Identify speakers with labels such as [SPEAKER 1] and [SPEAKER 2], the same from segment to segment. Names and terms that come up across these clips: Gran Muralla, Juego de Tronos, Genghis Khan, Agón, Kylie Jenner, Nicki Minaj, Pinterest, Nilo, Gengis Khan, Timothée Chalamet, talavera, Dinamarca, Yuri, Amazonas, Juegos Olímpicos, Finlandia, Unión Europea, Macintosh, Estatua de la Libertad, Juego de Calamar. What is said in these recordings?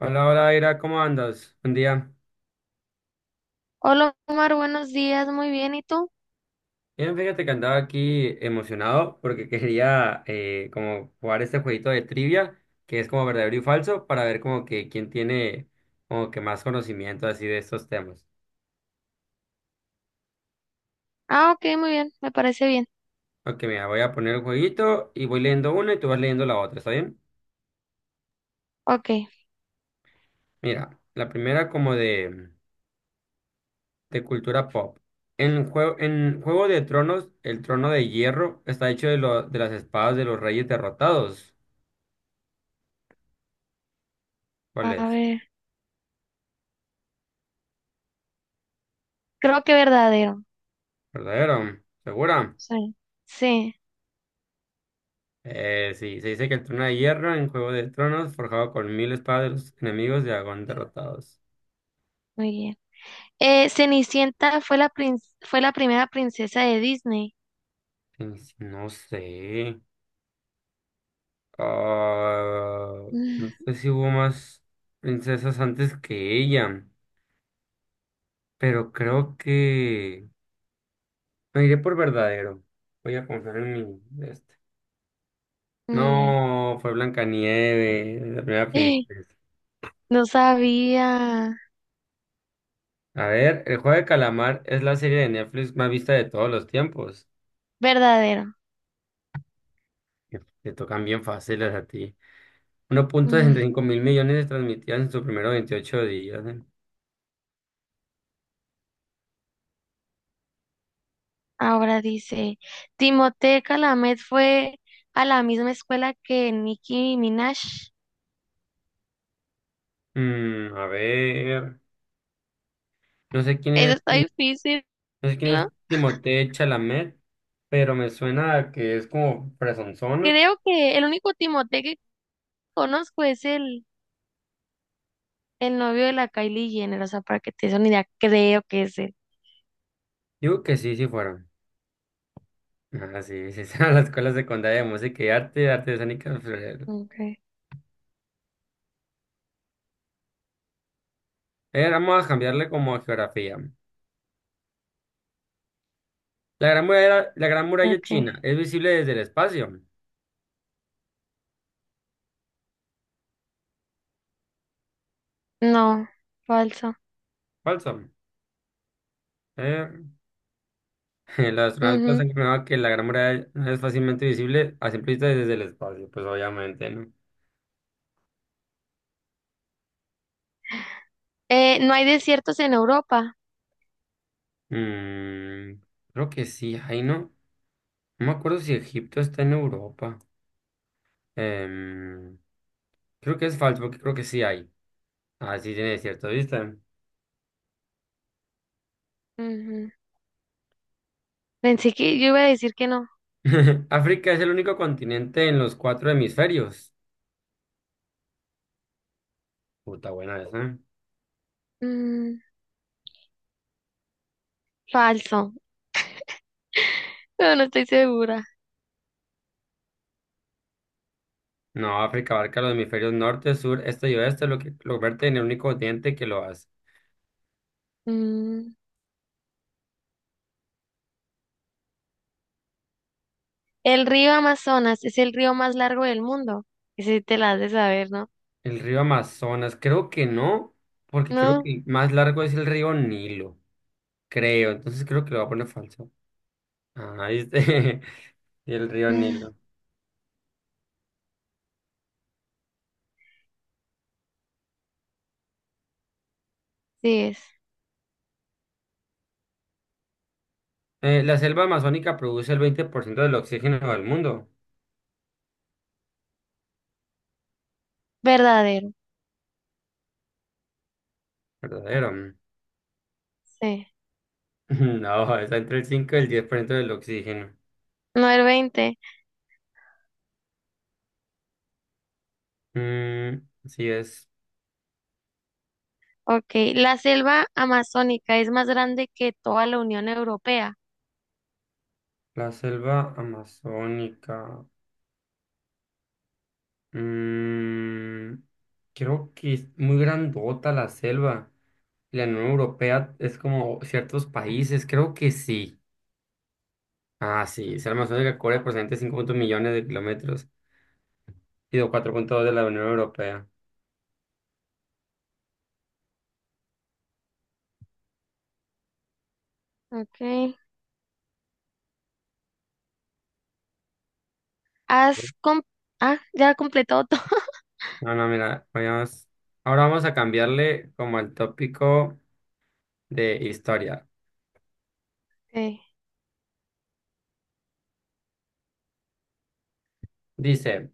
[SPEAKER 1] Hola, hola, Ira, ¿cómo andas? Buen día.
[SPEAKER 2] Hola Omar, buenos días, muy bien, ¿y tú?
[SPEAKER 1] Bien, fíjate que andaba aquí emocionado porque quería como jugar este jueguito de trivia que es como verdadero y falso para ver como que quién tiene como que más conocimiento así de estos temas.
[SPEAKER 2] Ah, ok, muy bien, me parece bien.
[SPEAKER 1] Ok, mira, voy a poner el jueguito y voy leyendo una y tú vas leyendo la otra, ¿está bien?
[SPEAKER 2] Ok,
[SPEAKER 1] Mira, la primera como de cultura pop. En Juego de Tronos, el trono de hierro está hecho de, de las espadas de los reyes derrotados. ¿Cuál
[SPEAKER 2] a
[SPEAKER 1] es?
[SPEAKER 2] ver, creo que verdadero.
[SPEAKER 1] Verdadero, segura.
[SPEAKER 2] Sí. Sí,
[SPEAKER 1] Sí, se dice que el trono de hierro en Juego de Tronos, forjado con mil espadas de los enemigos de Agón derrotados.
[SPEAKER 2] muy bien. Cenicienta fue la fue la primera princesa de Disney.
[SPEAKER 1] Sí, sí, no sé. Ah, no
[SPEAKER 2] Mm,
[SPEAKER 1] sé si hubo más princesas antes que ella, pero creo que me iré por verdadero. Voy a confiar en mi este.
[SPEAKER 2] muy bien.
[SPEAKER 1] No, fue Blancanieves, la primera princesa.
[SPEAKER 2] No sabía.
[SPEAKER 1] A ver, El Juego de Calamar es la serie de Netflix más vista de todos los tiempos.
[SPEAKER 2] Verdadero.
[SPEAKER 1] Que te tocan bien fáciles a ti. uno punto sesenta
[SPEAKER 2] Mm,
[SPEAKER 1] y cinco mil millones de transmitidas en sus primeros 28 días. ¿Eh?
[SPEAKER 2] Ahora dice, Timothée Chalamet fue a la misma escuela que Nicki Minaj.
[SPEAKER 1] Mm, a ver, no sé quién
[SPEAKER 2] Eso
[SPEAKER 1] es,
[SPEAKER 2] está
[SPEAKER 1] Tim-
[SPEAKER 2] difícil,
[SPEAKER 1] no sé quién es
[SPEAKER 2] ¿no?
[SPEAKER 1] Timothée Chalamet, pero me suena a que es como presonzona.
[SPEAKER 2] Creo que el único Timothée que conozco es el novio de la Kylie Jenner, o sea, para que te des una idea, creo que es él.
[SPEAKER 1] Digo que sí, sí fueron. Ah, sí, sí, a la Escuela Secundaria de Música y Arte, Arte Escénica. Florero.
[SPEAKER 2] Okay.
[SPEAKER 1] Vamos a cambiarle como a geografía. La gran muralla
[SPEAKER 2] Okay.
[SPEAKER 1] china es visible desde el espacio.
[SPEAKER 2] No, falso.
[SPEAKER 1] Falso. Eh, El astronauta se
[SPEAKER 2] Ujú.
[SPEAKER 1] confirmaba que la Gran Muralla es fácilmente visible a simple vista desde el espacio, pues obviamente, ¿no?
[SPEAKER 2] No hay desiertos en Europa.
[SPEAKER 1] Mm, creo que sí, ahí no. No me acuerdo si Egipto está en Europa. Em, Creo que es falso, porque creo que sí hay. Ah, sí tiene cierta vista.
[SPEAKER 2] Ujú. Pensé que yo iba a decir que no.
[SPEAKER 1] África es el único continente en los cuatro hemisferios. Puta buena esa.
[SPEAKER 2] Mm, falso, pero no estoy segura.
[SPEAKER 1] No, África abarca los hemisferios norte, sur, este y oeste, lo que lo convierte en el único continente que lo hace.
[SPEAKER 2] Mm. El río Amazonas es el río más largo del mundo. Ese te la has de saber, ¿no?
[SPEAKER 1] El río Amazonas, creo que no, porque creo
[SPEAKER 2] No.
[SPEAKER 1] que el más largo es el río Nilo, creo. Entonces creo que lo voy a poner falso. Ah, este, el río
[SPEAKER 2] Mm,
[SPEAKER 1] Nilo.
[SPEAKER 2] sí es.
[SPEAKER 1] La selva amazónica produce el 20% del oxígeno del mundo.
[SPEAKER 2] Verdadero,
[SPEAKER 1] Verdadero.
[SPEAKER 2] sí.
[SPEAKER 1] No, está entre el 5 y el 10% del oxígeno.
[SPEAKER 2] No el 20.
[SPEAKER 1] Mm, así es.
[SPEAKER 2] Ok, la selva amazónica es más grande que toda la Unión Europea.
[SPEAKER 1] La selva amazónica. Mm, creo que es muy grandota la selva. La Unión Europea es como ciertos países, creo que sí. Ah, sí, se almacena que cubre aproximadamente 5 millones de kilómetros y de 4.2 de la Unión Europea.
[SPEAKER 2] Ok, has com- ah, ya completado todo.
[SPEAKER 1] No, no, mira, ahora vamos a cambiarle como el tópico de historia.
[SPEAKER 2] Ok,
[SPEAKER 1] Dice,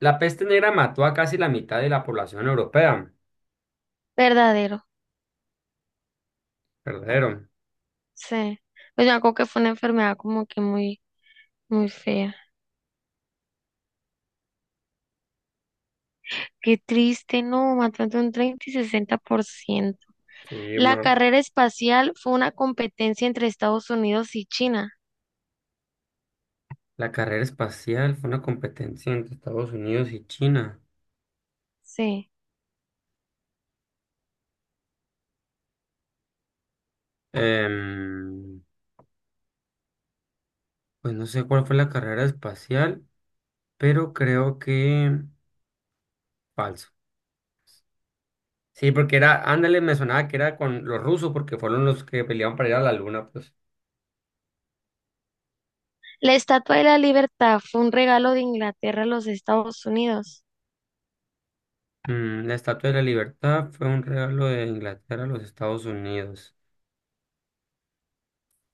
[SPEAKER 1] la peste negra mató a casi la mitad de la población europea.
[SPEAKER 2] verdadero,
[SPEAKER 1] Verdadero.
[SPEAKER 2] sí. Pues yo me acuerdo que fue una enfermedad como que muy fea. Qué triste, no, mató entre un 30 y 60%.
[SPEAKER 1] Sí,
[SPEAKER 2] La
[SPEAKER 1] ma.
[SPEAKER 2] carrera espacial fue una competencia entre Estados Unidos y China.
[SPEAKER 1] La carrera espacial fue una competencia entre Estados Unidos y China.
[SPEAKER 2] Sí.
[SPEAKER 1] Em, pues no sé cuál fue la carrera espacial, pero creo que falso. Sí, porque era, ándale, me sonaba que era con los rusos, porque fueron los que pelearon para ir a la luna, pues.
[SPEAKER 2] La Estatua de la Libertad fue un regalo de Inglaterra a los Estados Unidos.
[SPEAKER 1] Mm, la Estatua de la Libertad fue un regalo de Inglaterra a los Estados Unidos.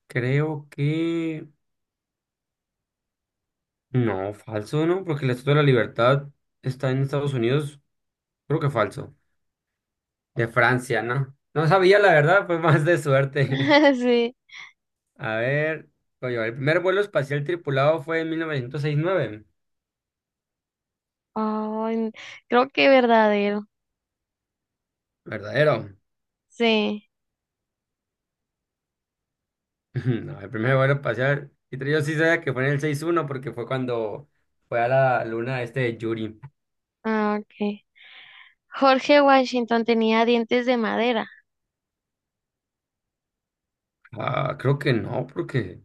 [SPEAKER 1] Creo que… No, falso, ¿no? Porque la Estatua de la Libertad está en Estados Unidos. Creo que falso. De Francia, ¿no? No sabía, la verdad, fue más de suerte.
[SPEAKER 2] Sí.
[SPEAKER 1] A ver, oye, el primer vuelo espacial tripulado fue en 1969.
[SPEAKER 2] Oh, creo que verdadero.
[SPEAKER 1] Verdadero.
[SPEAKER 2] Sí.
[SPEAKER 1] No, el primer vuelo espacial. Y yo sí sabía que fue en el 61 porque fue cuando fue a la luna este de Yuri.
[SPEAKER 2] Ah, ok. Jorge Washington tenía dientes de madera.
[SPEAKER 1] Ah, creo que no, porque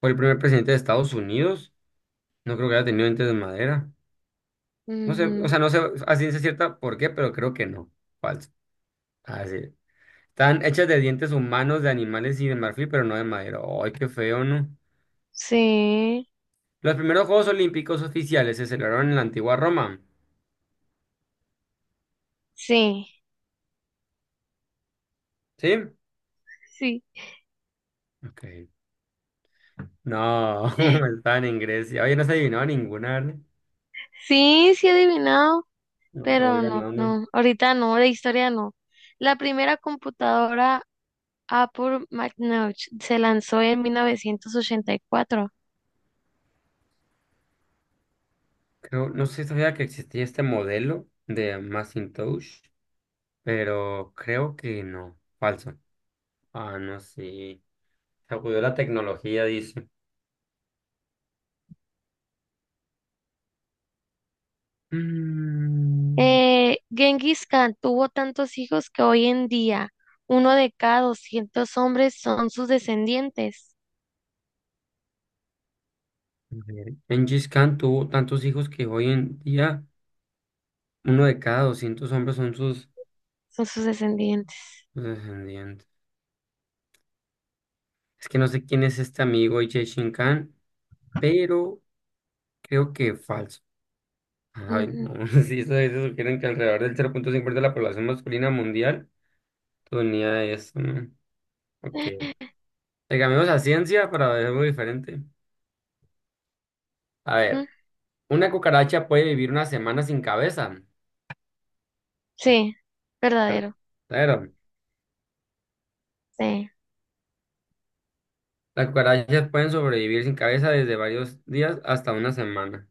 [SPEAKER 1] fue el primer presidente de Estados Unidos. No creo que haya tenido dientes de madera. No sé, o
[SPEAKER 2] Ujú.
[SPEAKER 1] sea, no sé a ciencia cierta por qué, pero creo que no. Falso. Ah, sí. Están hechas de dientes humanos, de animales y de marfil, pero no de madera. Ay, qué feo, ¿no?
[SPEAKER 2] Sí,
[SPEAKER 1] Los primeros Juegos Olímpicos oficiales se celebraron en la antigua Roma.
[SPEAKER 2] sí,
[SPEAKER 1] ¿Sí?
[SPEAKER 2] sí.
[SPEAKER 1] Ok. No, estaban en Grecia. Oye, no se adivinaba ninguna, ¿vale?
[SPEAKER 2] Sí, sí he adivinado,
[SPEAKER 1] No te voy
[SPEAKER 2] pero
[SPEAKER 1] ganando.
[SPEAKER 2] no. Ahorita no, de historia no. La primera computadora Apple Macintosh se lanzó en 1984.
[SPEAKER 1] Creo, no sé si sabía que existía este modelo de Macintosh, pero creo que no. Falso. Ah, no sí sacudió la tecnología, dice. Mm,
[SPEAKER 2] Genghis Khan tuvo tantos hijos que hoy en día uno de cada 200 hombres
[SPEAKER 1] a ver. Gengis Khan tuvo tantos hijos que hoy en día uno de cada 200 hombres son
[SPEAKER 2] son sus descendientes.
[SPEAKER 1] sus descendientes. Es que no sé quién es este amigo Gengis Khan, pero creo que falso. Ay,
[SPEAKER 2] Ujú.
[SPEAKER 1] no. Sí, eso sugieren que alrededor del 0.5% de la población masculina mundial. Tu unidad de eso, ¿no? Ok. Le cambiamos a ciencia para ver algo diferente. A
[SPEAKER 2] Mm,
[SPEAKER 1] ver, una cucaracha puede vivir una semana sin cabeza.
[SPEAKER 2] Sí,
[SPEAKER 1] Ver-
[SPEAKER 2] verdadero.
[SPEAKER 1] claro.
[SPEAKER 2] Sí,
[SPEAKER 1] Las cucarachas pueden sobrevivir sin cabeza desde varios días hasta una semana.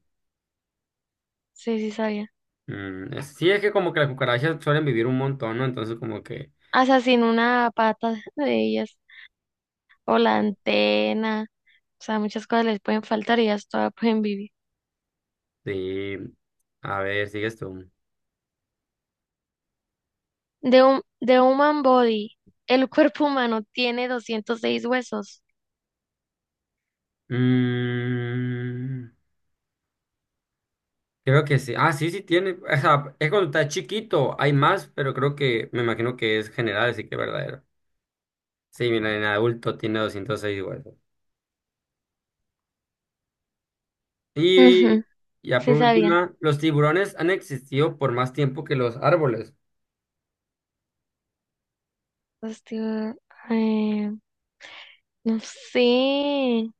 [SPEAKER 2] sí sabía.
[SPEAKER 1] Mm, es- sí, es que como que las cucarachas suelen vivir un montón, ¿no? Entonces como que…
[SPEAKER 2] Hasta sin una pata de ellas o la antena. O sea, muchas cosas les pueden faltar y ellas todavía pueden vivir.
[SPEAKER 1] Sí. A ver, sigues tú.
[SPEAKER 2] De un de human body, el cuerpo humano tiene 206 huesos.
[SPEAKER 1] Mm, creo que sí. Ah, sí, sí tiene. O sea, es cuando está chiquito. Hay más, pero creo que… Me imagino que es general, así que es verdadero. Sí, mira, en adulto tiene 206 huesos. Y
[SPEAKER 2] Ujú,
[SPEAKER 1] ya por
[SPEAKER 2] sí sabía.
[SPEAKER 1] última, los tiburones han existido por más tiempo que los árboles.
[SPEAKER 2] Hostia, eh, no sé.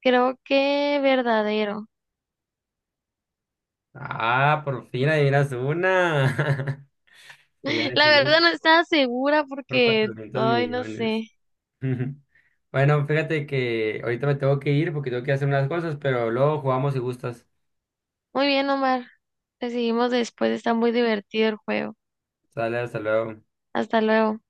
[SPEAKER 2] Creo que verdadero.
[SPEAKER 1] Ah, por fin adivinas una. Se han
[SPEAKER 2] La verdad
[SPEAKER 1] existido
[SPEAKER 2] no estaba segura
[SPEAKER 1] por
[SPEAKER 2] porque,
[SPEAKER 1] 400
[SPEAKER 2] ay, no
[SPEAKER 1] millones.
[SPEAKER 2] sé.
[SPEAKER 1] Bueno, fíjate que ahorita me tengo que ir porque tengo que hacer unas cosas, pero luego jugamos si gustas.
[SPEAKER 2] Muy bien, Omar. Te seguimos después, está muy divertido el juego.
[SPEAKER 1] Sale, hasta luego.
[SPEAKER 2] Hasta luego.